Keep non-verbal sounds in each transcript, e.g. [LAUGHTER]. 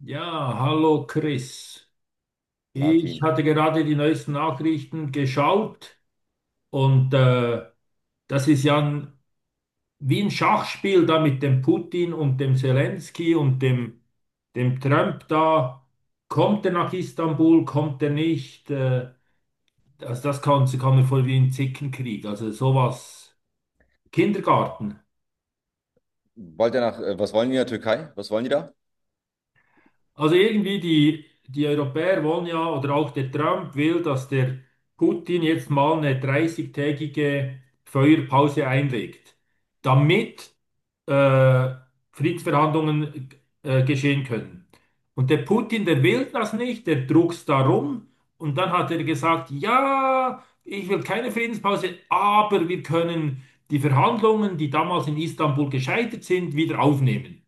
Ja, hallo Chris. Ich Martin. hatte gerade die neuesten Nachrichten geschaut und das ist ja ein, wie ein Schachspiel da mit dem Putin und dem Zelensky und dem Trump da. Kommt er nach Istanbul, kommt er nicht? Also das kann mir vor wie ein Zickenkrieg. Also sowas. Kindergarten. Wollt ihr nach, was wollen die in der Türkei? Was wollen die da? Also irgendwie die Europäer wollen ja, oder auch der Trump will, dass der Putin jetzt mal eine dreißigtägige Feuerpause einlegt, damit äh, Friedensverhandlungen geschehen können. Und der Putin, der will das nicht, der druckst darum. Und dann hat er gesagt, ja, ich will keine Friedenspause, aber wir können die Verhandlungen, die damals in Istanbul gescheitert sind, wieder aufnehmen.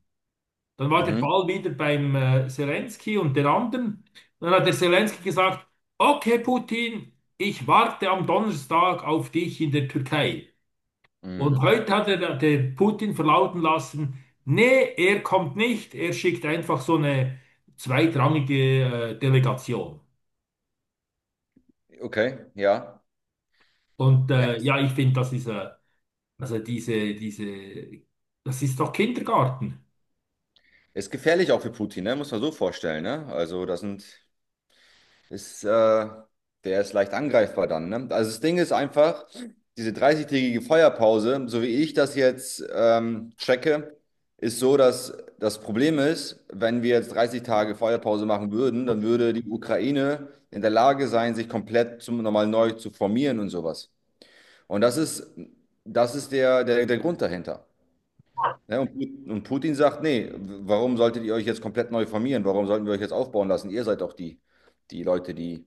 Dann war der Mhm. Ball wieder beim Zelensky und den anderen. Dann hat der Zelensky gesagt, okay, Putin, ich warte am Donnerstag auf dich in der Türkei. Und Mhm. heute hat der Putin verlauten lassen, nee, er kommt nicht, er schickt einfach so eine zweitrangige Delegation. Okay, ja. Und Ja, ist, ja, ich finde, das ist, also das ist doch Kindergarten. ist gefährlich auch für Putin, ne? Muss man so vorstellen, ne? Ist, äh, Der ist leicht angreifbar dann, ne? Also das Ding ist einfach, diese 30-tägige Feuerpause, so wie ich das jetzt checke, ist so, dass das Problem ist, wenn wir jetzt 30 Tage Feuerpause machen würden, dann würde die Ukraine in der Lage sein, sich komplett nochmal neu zu formieren und sowas. Und das ist der Grund dahinter. Ne? Und, Putin sagt, nee, warum solltet ihr euch jetzt komplett neu formieren? Warum sollten wir euch jetzt aufbauen lassen? Ihr seid doch die Leute, die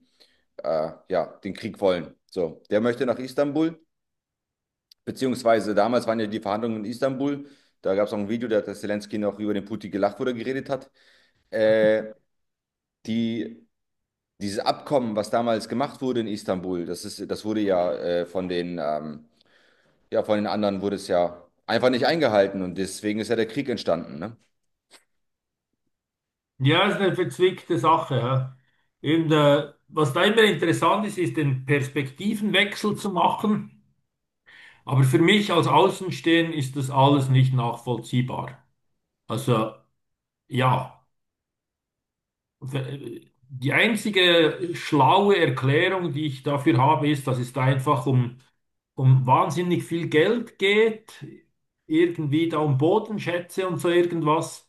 ja, den Krieg wollen. So, der möchte nach Istanbul, beziehungsweise damals waren ja die Verhandlungen in Istanbul. Da gab es auch ein Video, da hat der Zelensky noch über den Putin gelacht, wo er geredet hat. Äh, die, Dieses Abkommen, was damals gemacht wurde in Istanbul, das wurde ja von den ja, von den anderen wurde es ja einfach nicht eingehalten und deswegen ist ja der Krieg entstanden, ne? Ja, ist eine verzwickte Sache. Ja. Und was da immer interessant ist, ist den Perspektivenwechsel zu machen. Aber für mich als Außenstehender ist das alles nicht nachvollziehbar. Also ja, die einzige schlaue Erklärung, die ich dafür habe, ist, dass es da einfach um wahnsinnig viel Geld geht, irgendwie da um Bodenschätze und so irgendwas.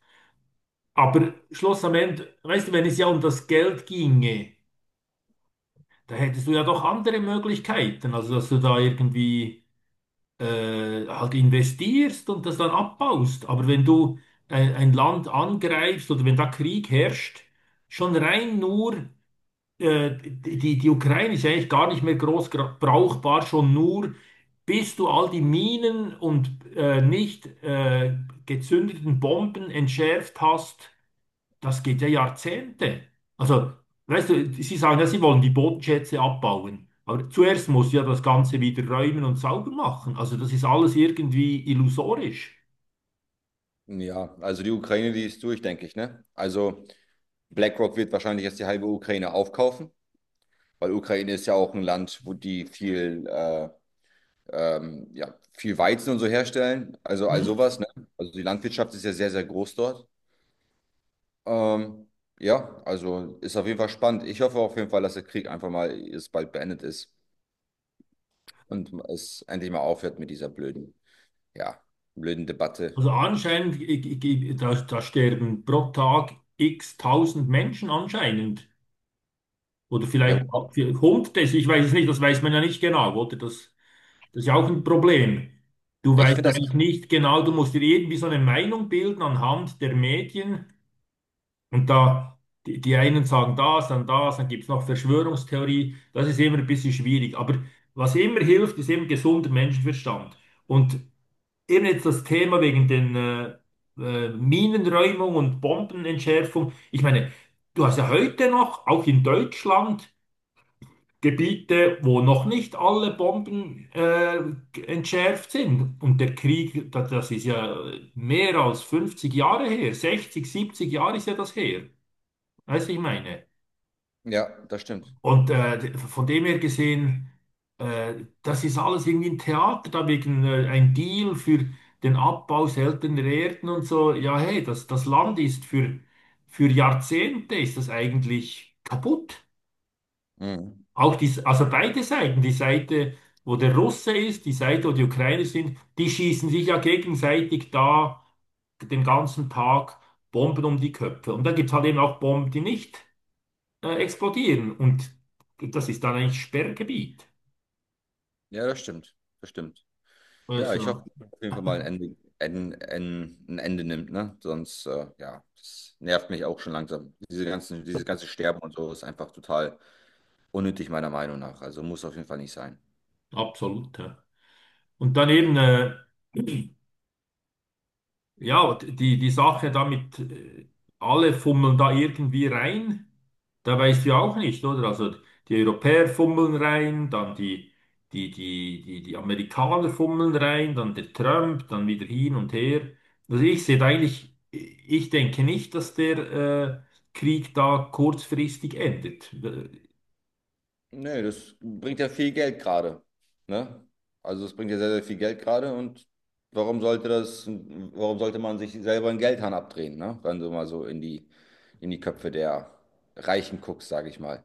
Aber Schluss am Ende, weißt du, wenn es ja um das Geld ginge. Da hättest du ja doch andere Möglichkeiten, also dass du da irgendwie halt investierst und das dann abbaust. Aber wenn du ein Land angreifst oder wenn da Krieg herrscht, schon rein nur, die Ukraine ist eigentlich gar nicht mehr groß brauchbar, schon nur, bis du all die Minen und nicht gezündeten Bomben entschärft hast, das geht ja Jahrzehnte. Also, weißt du, Sie sagen ja, Sie wollen die Bodenschätze abbauen. Aber zuerst muss ja das Ganze wieder räumen und sauber machen. Also, das ist alles irgendwie illusorisch. Ja, also die Ukraine, die ist durch, denke ich, ne? Also BlackRock wird wahrscheinlich jetzt die halbe Ukraine aufkaufen, weil Ukraine ist ja auch ein Land, wo die ja, viel Weizen und so herstellen, also all Mhm. sowas, ne? Also die Landwirtschaft ist ja sehr, sehr groß dort. Ähm, ja, also ist auf jeden Fall spannend. Ich hoffe auf jeden Fall, dass der Krieg einfach mal jetzt bald beendet ist und es endlich mal aufhört mit dieser ja, blöden Debatte. Also, anscheinend, da sterben pro Tag x tausend Menschen anscheinend. Oder Ja, vielleicht wo- auch Hunderte, ich weiß es nicht, das weiß man ja nicht genau, oder? Das ist ja auch ein Problem. Du Ich weißt finde ja das, eigentlich nicht genau, du musst dir irgendwie so eine Meinung bilden anhand der Medien. Und da, die einen sagen das, dann gibt es noch Verschwörungstheorie. Das ist immer ein bisschen schwierig. Aber was immer hilft, ist eben gesunder Menschenverstand. Und eben jetzt das Thema wegen den Minenräumung und Bombenentschärfung. Ich meine, du hast ja heute noch, auch in Deutschland, Gebiete, wo noch nicht alle Bomben entschärft sind. Und der Krieg, das ist ja mehr als 50 Jahre her, 60, 70 Jahre ist ja das her. Weißt du, ich meine? ja, das stimmt. Und von dem her gesehen, äh, das ist alles irgendwie ein Theater, da wegen ein Deal für den Abbau seltener Erden und so. Ja, hey, das Land ist für, Jahrzehnte ist das eigentlich kaputt. Mhm. Auch die, also beide Seiten, die Seite, wo der Russe ist, die Seite, wo die Ukrainer sind, die schießen sich ja gegenseitig da den ganzen Tag Bomben um die Köpfe. Und da gibt es halt eben auch Bomben, die nicht explodieren. Und das ist dann eigentlich Sperrgebiet. Ja, das stimmt. Das stimmt. Ja, ich hoffe, Also dass auf jeden Fall mal ein Ende, ein Ende nimmt, ne? Sonst, ja, das nervt mich auch schon langsam. Dieses ganze Sterben und so ist einfach total unnötig, meiner Meinung nach. Also muss auf jeden Fall nicht sein. absolut. Ja. Und dann eben, ja, die Sache damit, alle fummeln da irgendwie rein, da weißt du ja auch nicht, oder? Also die Europäer fummeln rein, dann die Amerikaner fummeln rein, dann der Trump, dann wieder hin und her. Also ich sehe da eigentlich, ich denke nicht, dass der Krieg da kurzfristig endet. Nee, das bringt ja viel Geld gerade. Ne? Also es bringt ja sehr, sehr viel Geld gerade und warum sollte man sich selber einen Geldhahn abdrehen, ne? Wenn du mal so in in die Köpfe der Reichen guckst, sage ich mal.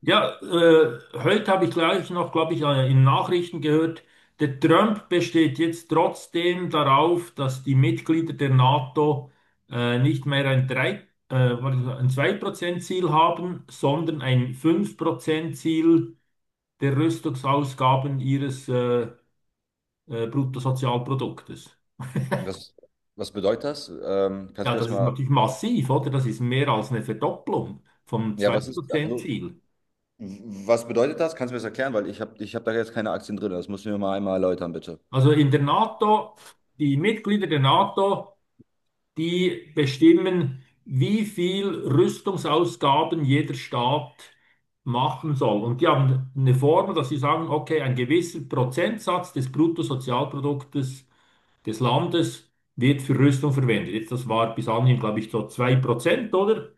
Ja, heute habe ich gleich noch, glaube ich, in Nachrichten gehört, der Trump besteht jetzt trotzdem darauf, dass die Mitglieder der NATO nicht mehr ein 3, warte, ein 2%-Ziel haben, sondern ein fünf Prozent Ziel der Rüstungsausgaben ihres Bruttosozialproduktes. Was, was bedeutet das? Kannst Ja, du mir das das ist mal, natürlich massiv, oder? Das ist mehr als eine Verdopplung vom ja, zwei was ist, Prozent also, Ziel. was bedeutet das? Kannst du mir das erklären? Weil ich hab da jetzt keine Aktien drin. Das musst du mir mal einmal erläutern, bitte. Also in der NATO, die Mitglieder der NATO die bestimmen, wie viel Rüstungsausgaben jeder Staat machen soll. Und die haben eine Formel, dass sie sagen, okay, ein gewisser Prozentsatz des Bruttosozialproduktes des Landes wird für Rüstung verwendet. Jetzt, das war bis anhin, glaube ich, so 2%, oder?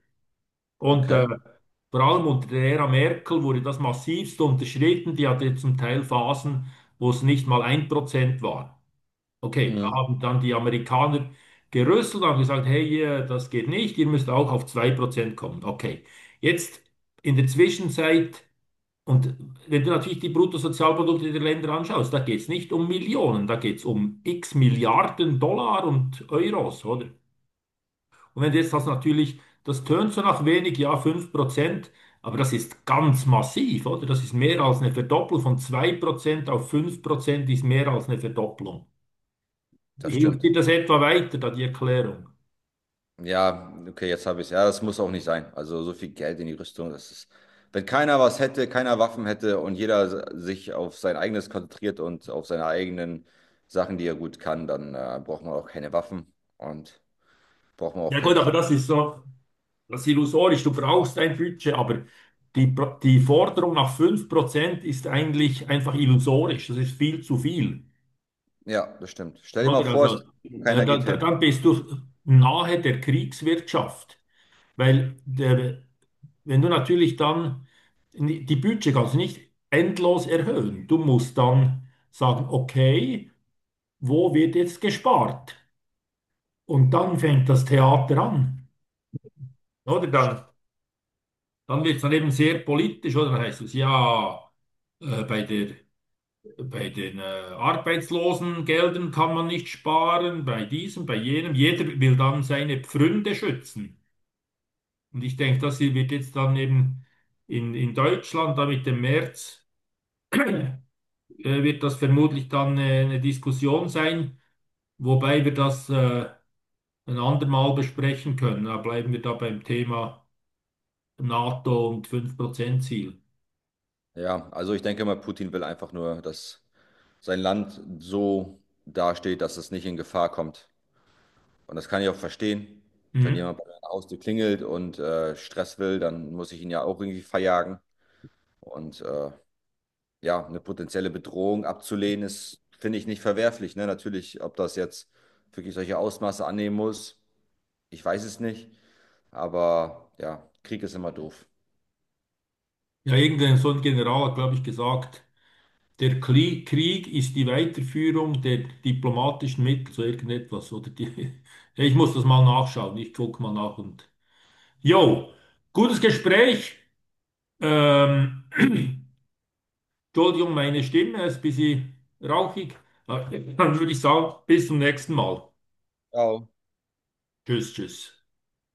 Und Okay. vor allem unter der Ära Merkel wurde das massivst unterschritten. Die hatte zum Teil Phasen, wo es nicht mal 1% war. Okay, da Mhm. haben dann die Amerikaner gerüsselt und haben gesagt, hey, ihr, das geht nicht, ihr müsst auch auf 2% kommen. Okay, jetzt in der Zwischenzeit, und wenn du natürlich die Bruttosozialprodukte der Länder anschaust, da geht es nicht um Millionen, da geht es um x Milliarden Dollar und Euros, oder? Und wenn jetzt das natürlich, das tönt so nach wenig, ja, 5%, aber das ist ganz massiv, oder? Das ist mehr als eine Verdopplung von 2% auf 5% ist mehr als eine Verdopplung. Das Hilft dir stimmt. das etwa weiter, da die Erklärung? Ja, okay, jetzt habe ich es. Ja, das muss auch nicht sein. Also so viel Geld in die Rüstung, das ist. Wenn keiner was hätte, keiner Waffen hätte und jeder sich auf sein eigenes konzentriert und auf seine eigenen Sachen, die er gut kann, dann braucht man auch keine Waffen und braucht man auch Ja keinen gut, aber Krieg. das ist so, das ist illusorisch. Du brauchst ein Budget, aber die Forderung nach 5% ist eigentlich einfach illusorisch. Das ist viel zu viel. Ja, das stimmt. Stell dir mal Oder? vor, Also, es keiner geht hin. dann bist du nahe der Kriegswirtschaft. Weil der, wenn du natürlich dann die Budget kannst du nicht endlos erhöhen. Du musst dann sagen, okay, wo wird jetzt gespart? Und dann fängt das Theater an. Oder dann, wird es dann eben sehr politisch, oder? Dann heißt es ja, bei der, bei den Arbeitslosengeldern kann man nicht sparen, bei diesem, bei jenem. Jeder will dann seine Pfründe schützen. Und ich denke, das hier wird jetzt dann eben in Deutschland, da mit dem März, [CLEARS THROAT] äh, wird das vermutlich dann eine Diskussion sein, wobei wir das ein andermal besprechen können. Da bleiben wir da beim Thema NATO und 5% Ziel. Ja, also ich denke mal, Putin will einfach nur, dass sein Land so dasteht, dass es nicht in Gefahr kommt. Und das kann ich auch verstehen. Wenn Mhm. jemand bei der Haustür klingelt und Stress will, dann muss ich ihn ja auch irgendwie verjagen. Und ja, eine potenzielle Bedrohung abzulehnen, ist, finde ich, nicht verwerflich. Ne? Natürlich, ob das jetzt wirklich solche Ausmaße annehmen muss, ich weiß es nicht. Aber ja, Krieg ist immer doof. Ja, irgendein so ein General hat, glaube ich, gesagt, der Krieg ist die Weiterführung der diplomatischen Mittel zu irgendetwas. Oder die, [LAUGHS] ja, ich muss das mal nachschauen. Ich gucke mal nach und. Jo, gutes Gespräch. Ähm, [CLEARS THROAT] Entschuldigung, meine Stimme ist ein bisschen rauchig. [LAUGHS] Dann würde ich sagen, bis zum nächsten Mal. Ja, Tschüss, tschüss.